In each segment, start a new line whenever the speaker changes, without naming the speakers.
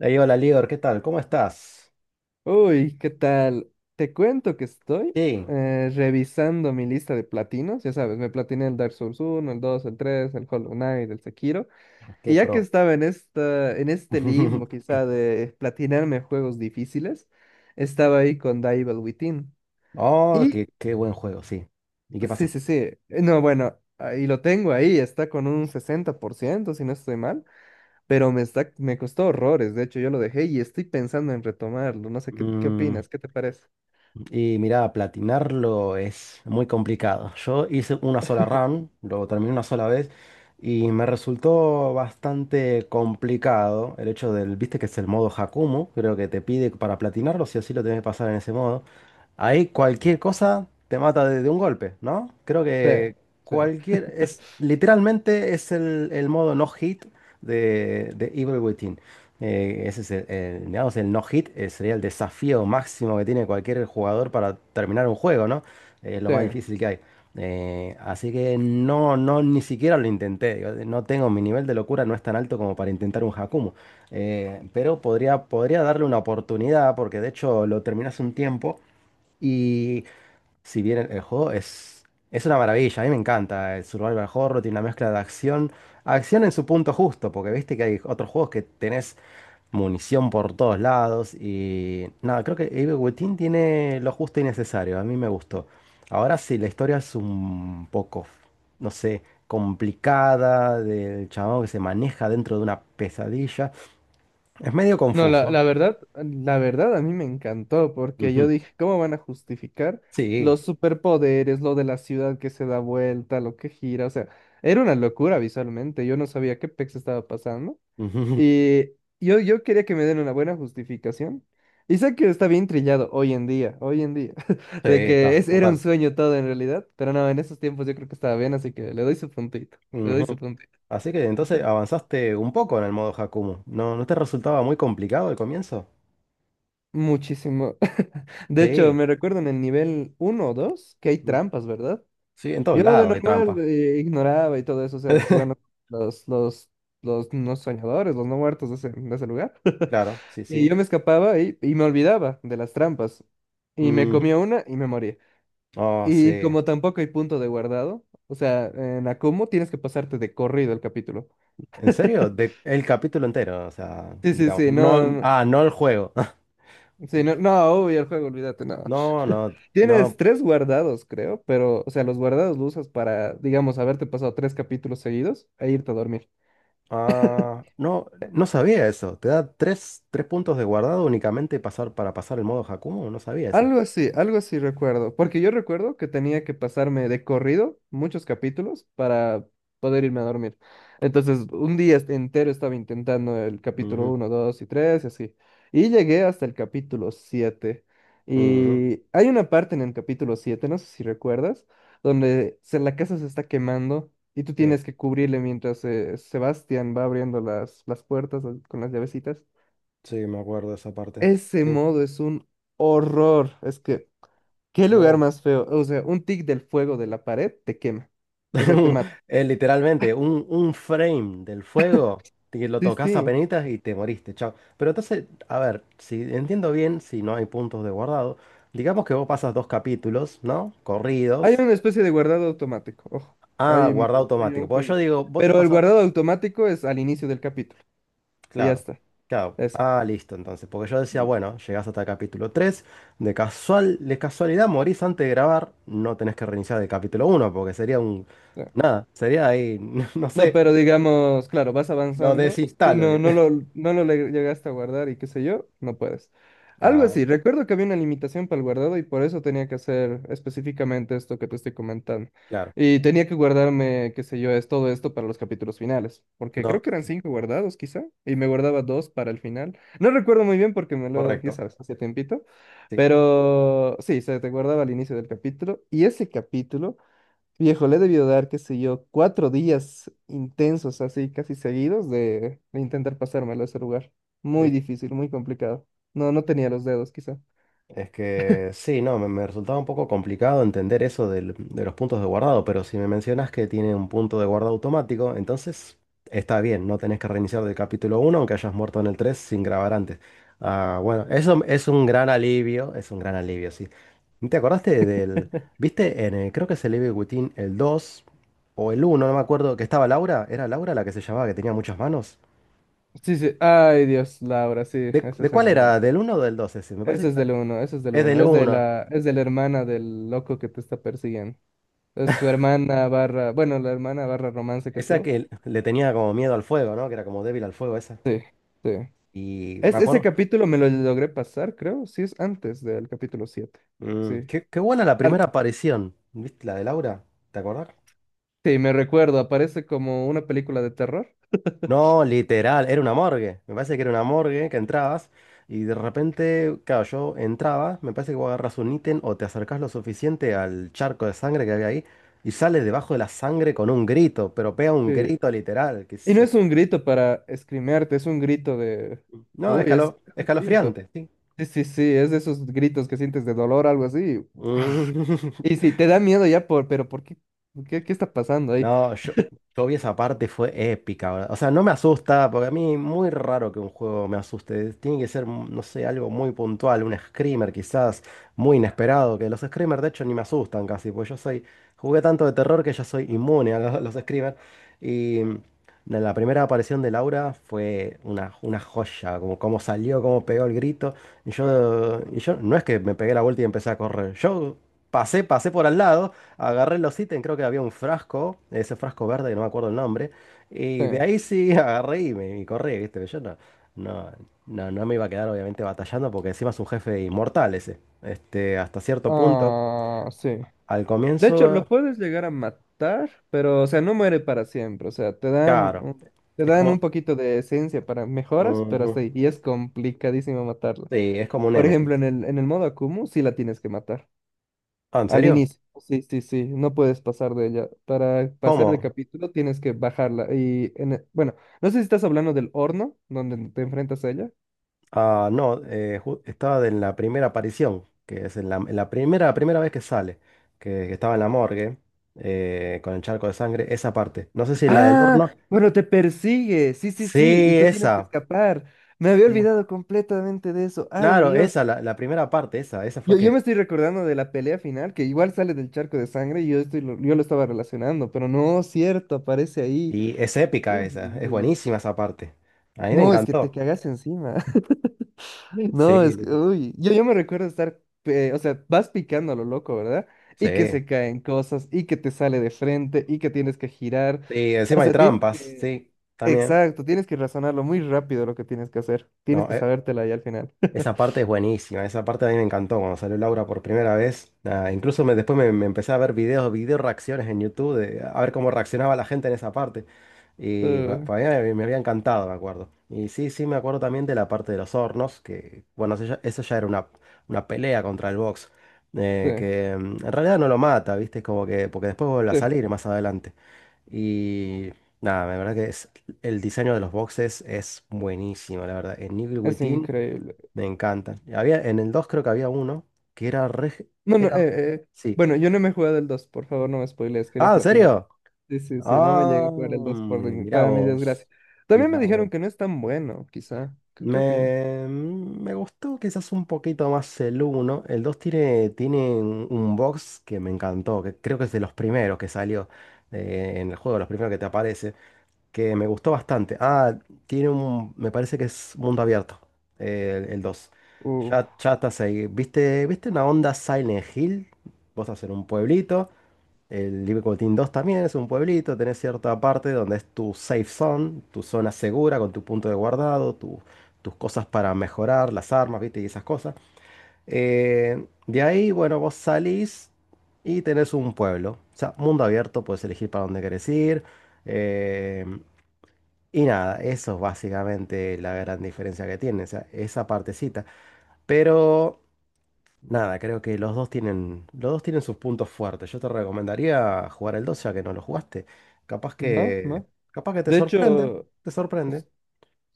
Ey, hola, Lior, ¿qué tal? ¿Cómo estás?
Uy, ¿qué tal? Te cuento que estoy
Sí,
revisando mi lista de platinos. Ya sabes, me platiné el Dark Souls uno el 2 el 3 el Hollow Knight, el Sekiro.
qué
Y ya que
pro.
estaba en este limbo quizá de platinarme juegos difíciles, estaba ahí con The Evil Within.
Oh,
Y
qué buen juego, sí. ¿Y qué
sí,
pasó?
sí, sí. No, bueno, ahí lo tengo ahí, está con un 60% si no estoy mal. Pero me costó horrores. De hecho, yo lo dejé y estoy pensando en retomarlo. No sé qué opinas, ¿qué te parece?
Y mira, platinarlo es muy complicado. Yo hice una sola run, lo terminé una sola vez y me resultó bastante complicado el hecho del, viste que es el modo Hakumu, creo que te pide para platinarlo, si así lo tenés que pasar en ese modo. Ahí cualquier cosa te mata de un golpe, ¿no? Creo
Sí,
que
sí,
cualquier, es literalmente es el modo no hit de Evil Within. Ese es el- digamos, el no hit, sería el desafío máximo que tiene cualquier jugador para terminar un juego, ¿no? Es lo más
sí.
difícil que hay. Así que no, no, ni siquiera lo intenté. Digo, no tengo mi nivel de locura, no es tan alto como para intentar un Hakumu. Pero podría darle una oportunidad, porque de hecho lo terminé hace un tiempo. Y si bien el juego es una maravilla, a mí me encanta. El Survival Horror tiene una mezcla de acción. Acción en su punto justo, porque viste que hay otros juegos que tenés munición por todos lados y nada, creo que Abe Wetin tiene lo justo y necesario, a mí me gustó. Ahora sí, la historia es un poco, no sé, complicada, del chabón que se maneja dentro de una pesadilla. Es medio
No, la,
confuso.
la verdad, la verdad a mí me encantó porque yo
Ujú.
dije, ¿cómo van a justificar
Sí,
los superpoderes, lo de la ciudad que se da vuelta, lo que gira? O sea, era una locura visualmente, yo no sabía qué pex estaba pasando
ujú.
y yo quería que me den una buena justificación. Y sé que está bien trillado hoy en día,
Sí,
de que
está,
era un
total.
sueño todo en realidad, pero no, en esos tiempos yo creo que estaba bien, así que le doy su puntito, le
Ujú.
doy su puntito.
Así que entonces avanzaste un poco en el modo Hakumu. ¿No, no te resultaba muy complicado el comienzo?
Muchísimo. De hecho,
Sí,
me recuerdo en el nivel uno o 2 que hay
mm,
trampas, ¿verdad?
sí, en todos
Yo de
lados hay
normal
trampa.
ignoraba y todo eso, o sea, jugando con los, los, los no soñadores, los no muertos de ese lugar.
Claro, sí,
Y
sí.
yo me escapaba y me olvidaba de las trampas. Y me comía una y me moría.
Oh,
Y
sí.
como tampoco hay punto de guardado, o sea, en Akumu tienes que pasarte de corrido el capítulo.
¿En serio? De, el capítulo entero, o sea,
Sí, sí,
digamos.
sí,
No,
no.
ah, no el juego.
Sí, no, no, obvio, el juego, olvídate, no.
No, no,
Tienes
no.
tres guardados, creo, pero, o sea, los guardados los usas para, digamos, haberte pasado tres capítulos seguidos e irte a dormir.
Ah, no, no sabía eso. Te da tres, tres puntos de guardado únicamente pasar, para pasar el modo Hakumo. No sabía eso.
Algo así recuerdo, porque yo recuerdo que tenía que pasarme de corrido muchos capítulos para poder irme a dormir. Entonces, un día entero estaba intentando el capítulo
Ujú,
uno 2 y 3 y así. Y llegué hasta el capítulo siete.
ujú.
Y hay una parte en el capítulo siete, no sé si recuerdas, donde la casa se está quemando y tú
Sí,
tienes que cubrirle mientras Sebastián va abriendo las puertas con las llavecitas.
sí, me acuerdo de esa parte.
Ese
Sí.
modo es un horror. Es que ¿Qué lugar
Oh.
más feo? O sea, un tic del fuego de la pared te quema. O sea, te mata.
Literalmente, un frame del fuego, que lo
Sí,
tocas
sí.
penitas y te moriste, chao. Pero entonces, a ver, si entiendo bien, si no hay puntos de guardado, digamos que vos pasas dos capítulos, ¿no?
Hay
Corridos,
una especie de guardado automático. Ojo,
a
hay, me-
guardado
hay
automático.
un
Porque yo
jueguito.
digo, vos te
Pero el
pasás,
guardado automático es al inicio del capítulo. Y ya
claro,
está.
claro,
Eso.
ah, listo, entonces. Porque yo decía, bueno, llegás hasta el capítulo 3 de casual, de casualidad morís antes de grabar, no tenés que reiniciar el capítulo uno porque sería un, nada, sería ahí, no
No,
sé,
pero digamos, claro, vas
lo
avanzando y
desinstalo,
no,
digo.
no lo, no lo le- llegaste a guardar y qué sé yo, no puedes. Algo
Ah,
así, recuerdo que había una limitación para el guardado y por eso tenía que hacer específicamente esto que te estoy comentando.
claro.
Y tenía que guardarme, qué sé yo, es todo esto para los capítulos finales, porque
No,
creo que eran cinco guardados quizá, y me guardaba dos para el final. No recuerdo muy bien porque me lo, ya
correcto.
sabes, hace tiempito,
Sí.
pero sí, se te guardaba al inicio del capítulo y ese capítulo... Viejo, le he debido dar, qué sé yo, 4 días intensos, así casi seguidos, de intentar pasármelo a ese lugar. Muy
Es,
difícil, muy complicado. No, no tenía los dedos, quizá.
es que sí, no, me resultaba un poco complicado entender eso del- de los puntos de guardado, pero si me mencionas que tiene un punto de guardado automático, entonces está bien, no tenés que reiniciar del capítulo uno, aunque hayas muerto en el 3 sin grabar antes. Ah, bueno, eso es un gran alivio, es un gran alivio, sí. ¿Te acordaste del, viste, en el- creo que es el Evil Within el 2 o el uno? No me acuerdo, que estaba Laura. ¿Era Laura la que se llamaba, que tenía muchas manos?
Sí, sí. Ay, Dios, Laura, sí, ese
De
es en
cuál
el uno.
era? ¿Del uno o del 2 ese? Me parece
Ese
que
es
era-
del uno, ese es del
es
uno.
del
Es de
uno.
la, es de la hermana del loco que te está persiguiendo. Es su hermana barra, bueno, la hermana barra romance que
Esa
tuvo.
que le tenía como miedo al fuego, ¿no? Que era como débil al fuego esa.
Sí, sí.
Y me
Ese
acuerdo.
capítulo me lo logré pasar, creo. Sí, es antes del capítulo siete.
Mm,
Sí.
qué buena la primera
Al-
aparición. ¿Viste la de Laura? ¿Te acordás?
Sí, me recuerdo, aparece como una película de terror.
No, literal, era una morgue. Me parece que era una morgue que entrabas y de repente, claro, yo entraba, me parece que vos agarras un ítem o te acercás lo suficiente al charco de sangre que había ahí y sales debajo de la sangre con un grito, pero pega un
Sí.
grito literal, que
Y
es,
no es un grito para esgrimarte, es un grito de...
no,
Uy, es
escalo-
distinto.
escalofriante, sí.
Sí, sí, sí, es de esos gritos que sientes de dolor, algo así.
Mm.
Y sí, te da miedo ya por... Pero ¿por qué? ¿Qué está pasando ahí?
No, yo vi esa parte, fue épica, ¿verdad? O sea, no me asusta, porque a mí muy raro que un juego me asuste. Tiene que ser, mm, no sé, algo muy puntual, un screamer quizás, muy inesperado, que los screamers de hecho ni me asustan casi, porque yo soy, jugué tanto de terror que ya soy inmune a lo- los, screamers. Y mm, la primera aparición de Laura fue una joya, como como salió, cómo pegó el grito. Y yo, no es que me pegué la vuelta y empecé a correr, yo pasé, pasé por al lado. Agarré los ítems, creo que había un frasco, ese frasco verde que no me acuerdo el nombre,
Sí.
y de ahí sí agarré y me y corrí, ¿viste? Yo no, no, no, no me iba a quedar obviamente batallando porque encima es un jefe inmortal ese. Este, hasta cierto punto,
Ah, sí.
al
De hecho,
comienzo,
lo puedes llegar a matar, pero, o sea, no muere para siempre. O sea, te dan,
claro,
un- te
es
dan
como...
un poquito de esencia para mejoras, pero
Ujú.
hasta ahí. Y es complicadísimo matarlo.
Sí, es como un
Por ejemplo, en
Némesis.
el, en el modo Akumu sí la tienes que matar.
Ah, ¿en
Al
serio?
inicio. Sí, sí, sí. No puedes pasar de ella. Para pasar de
¿Cómo?
capítulo tienes que bajarla. Y bueno, no sé si estás hablando del horno donde te enfrentas a ella.
Ah, no, ju- estaba en la primera aparición, que es en la primera, primera vez que sale, que estaba en la morgue, con el charco de sangre, esa parte. No sé si la del
Ah,
horno.
bueno, te persigue. Sí, sí, sí. Y
Sí,
tú tienes que
esa.
escapar. Me había
Sí.
olvidado completamente de eso. Ay,
Claro,
Dios.
esa, la primera parte, esa fue
Yo me
que...
estoy recordando de la pelea final, que igual sale del charco de sangre y yo lo estaba relacionando, pero no, cierto, aparece ahí.
Y es épica
Uy,
esa,
uy,
es
uy.
buenísima esa parte. A mí me
No, es que te
encantó.
cagas encima. No,
Sí,
es que,
lit-
uy, yo me recuerdo estar, o sea, vas picando a lo loco, ¿verdad? Y que
sí.
se caen cosas, y que te sale de frente, y que tienes que girar.
Sí,
O
encima hay
sea, tienes
trampas,
que,
sí, también.
exacto, tienes que razonarlo muy rápido lo que tienes que hacer. Tienes
No,
que
e,
sabértela ahí al final.
esa parte es buenísima, esa parte a mí me encantó cuando salió Laura por primera vez. Nada, incluso me, después me, me empecé a ver videos, video reacciones en YouTube, de, a ver cómo reaccionaba la gente en esa parte. Y pa-
Eh,
para mí me, me había encantado, me acuerdo. Y sí, sí, me acuerdo también de la parte de los hornos, que bueno, eso ya era una pelea contra el box,
sí,
que mm, en realidad no lo mata, ¿viste? Es como que, porque después vuelve a
sí,
salir más adelante. Y nada, la verdad que es, el diseño de los boxes es buenísimo, la verdad. En Evil
es
Within.
increíble.
Me encantan. Y había, en el 2 creo que había uno que era re...
No, no,
Era...
eh,
Sí.
bueno, yo no me he jugado el 2, por favor, no me spoilees, quería
Ah, ¿en
platinar.
serio?
Sí, sí, sí, no me llegué
Ah,
a jugar el 2
mi- mirá
para mi desgracia.
vos.
También me
Mirá vos.
dijeron que no es tan bueno, quizá. ¿Qué opinas?
Me gustó quizás un poquito más el uno. El 2 tiene, tiene un box que me encantó, que creo que es de los primeros que salió en el juego, los primeros que te aparecen. Que me gustó bastante. Ah, tiene un, me parece que es mundo abierto, el dos.
Uf.
Ya, ya estás ahí. ¿Viste, viste una onda Silent Hill? Vos estás en un pueblito. El Libre 2 también es un pueblito. Tenés cierta parte donde es tu safe zone, tu zona segura con tu punto de guardado, tu- tus cosas para mejorar, las armas, ¿viste? Y esas cosas. De ahí, bueno, vos salís y tenés un pueblo. O sea, mundo abierto, puedes elegir para dónde querés ir. eh, y nada, eso es básicamente la gran diferencia que tienen, o sea, esa partecita. Pero nada, creo que los dos tienen sus puntos fuertes. Yo te recomendaría jugar el 2 ya que no lo jugaste. Capaz
No,
que,
no.
capaz que te
De
sorprende,
hecho,
te sorprende.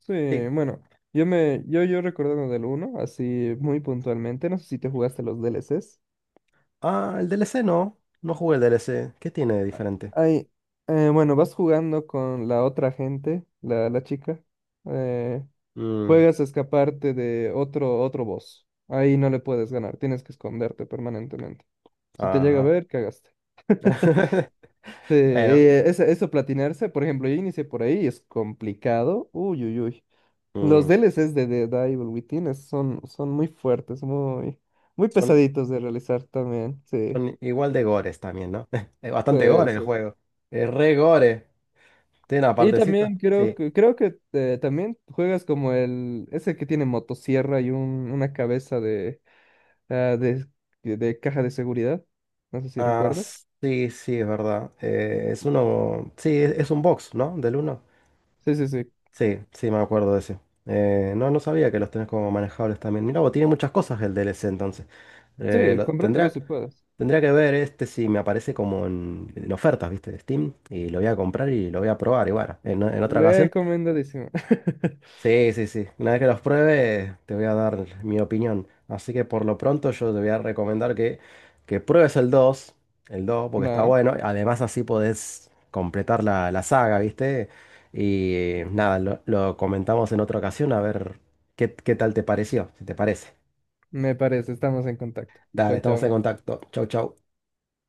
sí,
Sí.
bueno, yo recordando del uno así muy puntualmente, no sé si te jugaste los DLCs.
Ah, el DLC no, no jugué el DLC. ¿Qué tiene de diferente?
Ay, bueno, vas jugando con la otra gente, la chica. eh,
Mm,
juegas a escaparte de otro boss. Ahí no le puedes ganar, tienes que esconderte permanentemente. Si te llega a
ajá.
ver, cagaste. Sí,
Bueno,
eso, platinarse, por ejemplo, yo inicié por ahí, es complicado. Uy, uy, uy. Los
mm,
DLCs de Dead Evil Within son muy fuertes, muy, muy
son,
pesaditos de realizar también, sí,
son igual de gores también, ¿no? Es bastante
sí,
gore el
sí.
juego. Es re gore. Tiene una
Y
partecita.
también creo
Sí.
que, creo que también juegas como ese que tiene motosierra y una cabeza ah, de, de caja de seguridad, no sé si
Ah,
recuerdas.
sí, sí, es verdad. Es uno. Sí, es un box, ¿no? Del uno.
Sí, sí, sí,
Sí, sí, me acuerdo de ese. No, no sabía que los tenés como manejables también. Mirá, vos tiene muchas cosas el DLC entonces.
sí,
Lo-
cómpratelo
tendría,
si puedes.
tendría que ver este si me aparece como en ofertas, ¿viste? De Steam. Y lo voy a comprar y lo voy a probar. Y bueno, en otra ocasión.
Recomendadísimo.
Sí, sí, sí. Una vez que los pruebe, te voy a dar mi opinión. Así que por lo pronto yo te voy a recomendar que pruebes el 2, porque está
Va,
bueno. Además así podés completar la, la saga, ¿viste? Y nada, lo comentamos en otra ocasión a ver qué tal te pareció, si te parece.
me parece, estamos en contacto.
Dale,
Chao,
estamos en
chao.
contacto. Chau, chau.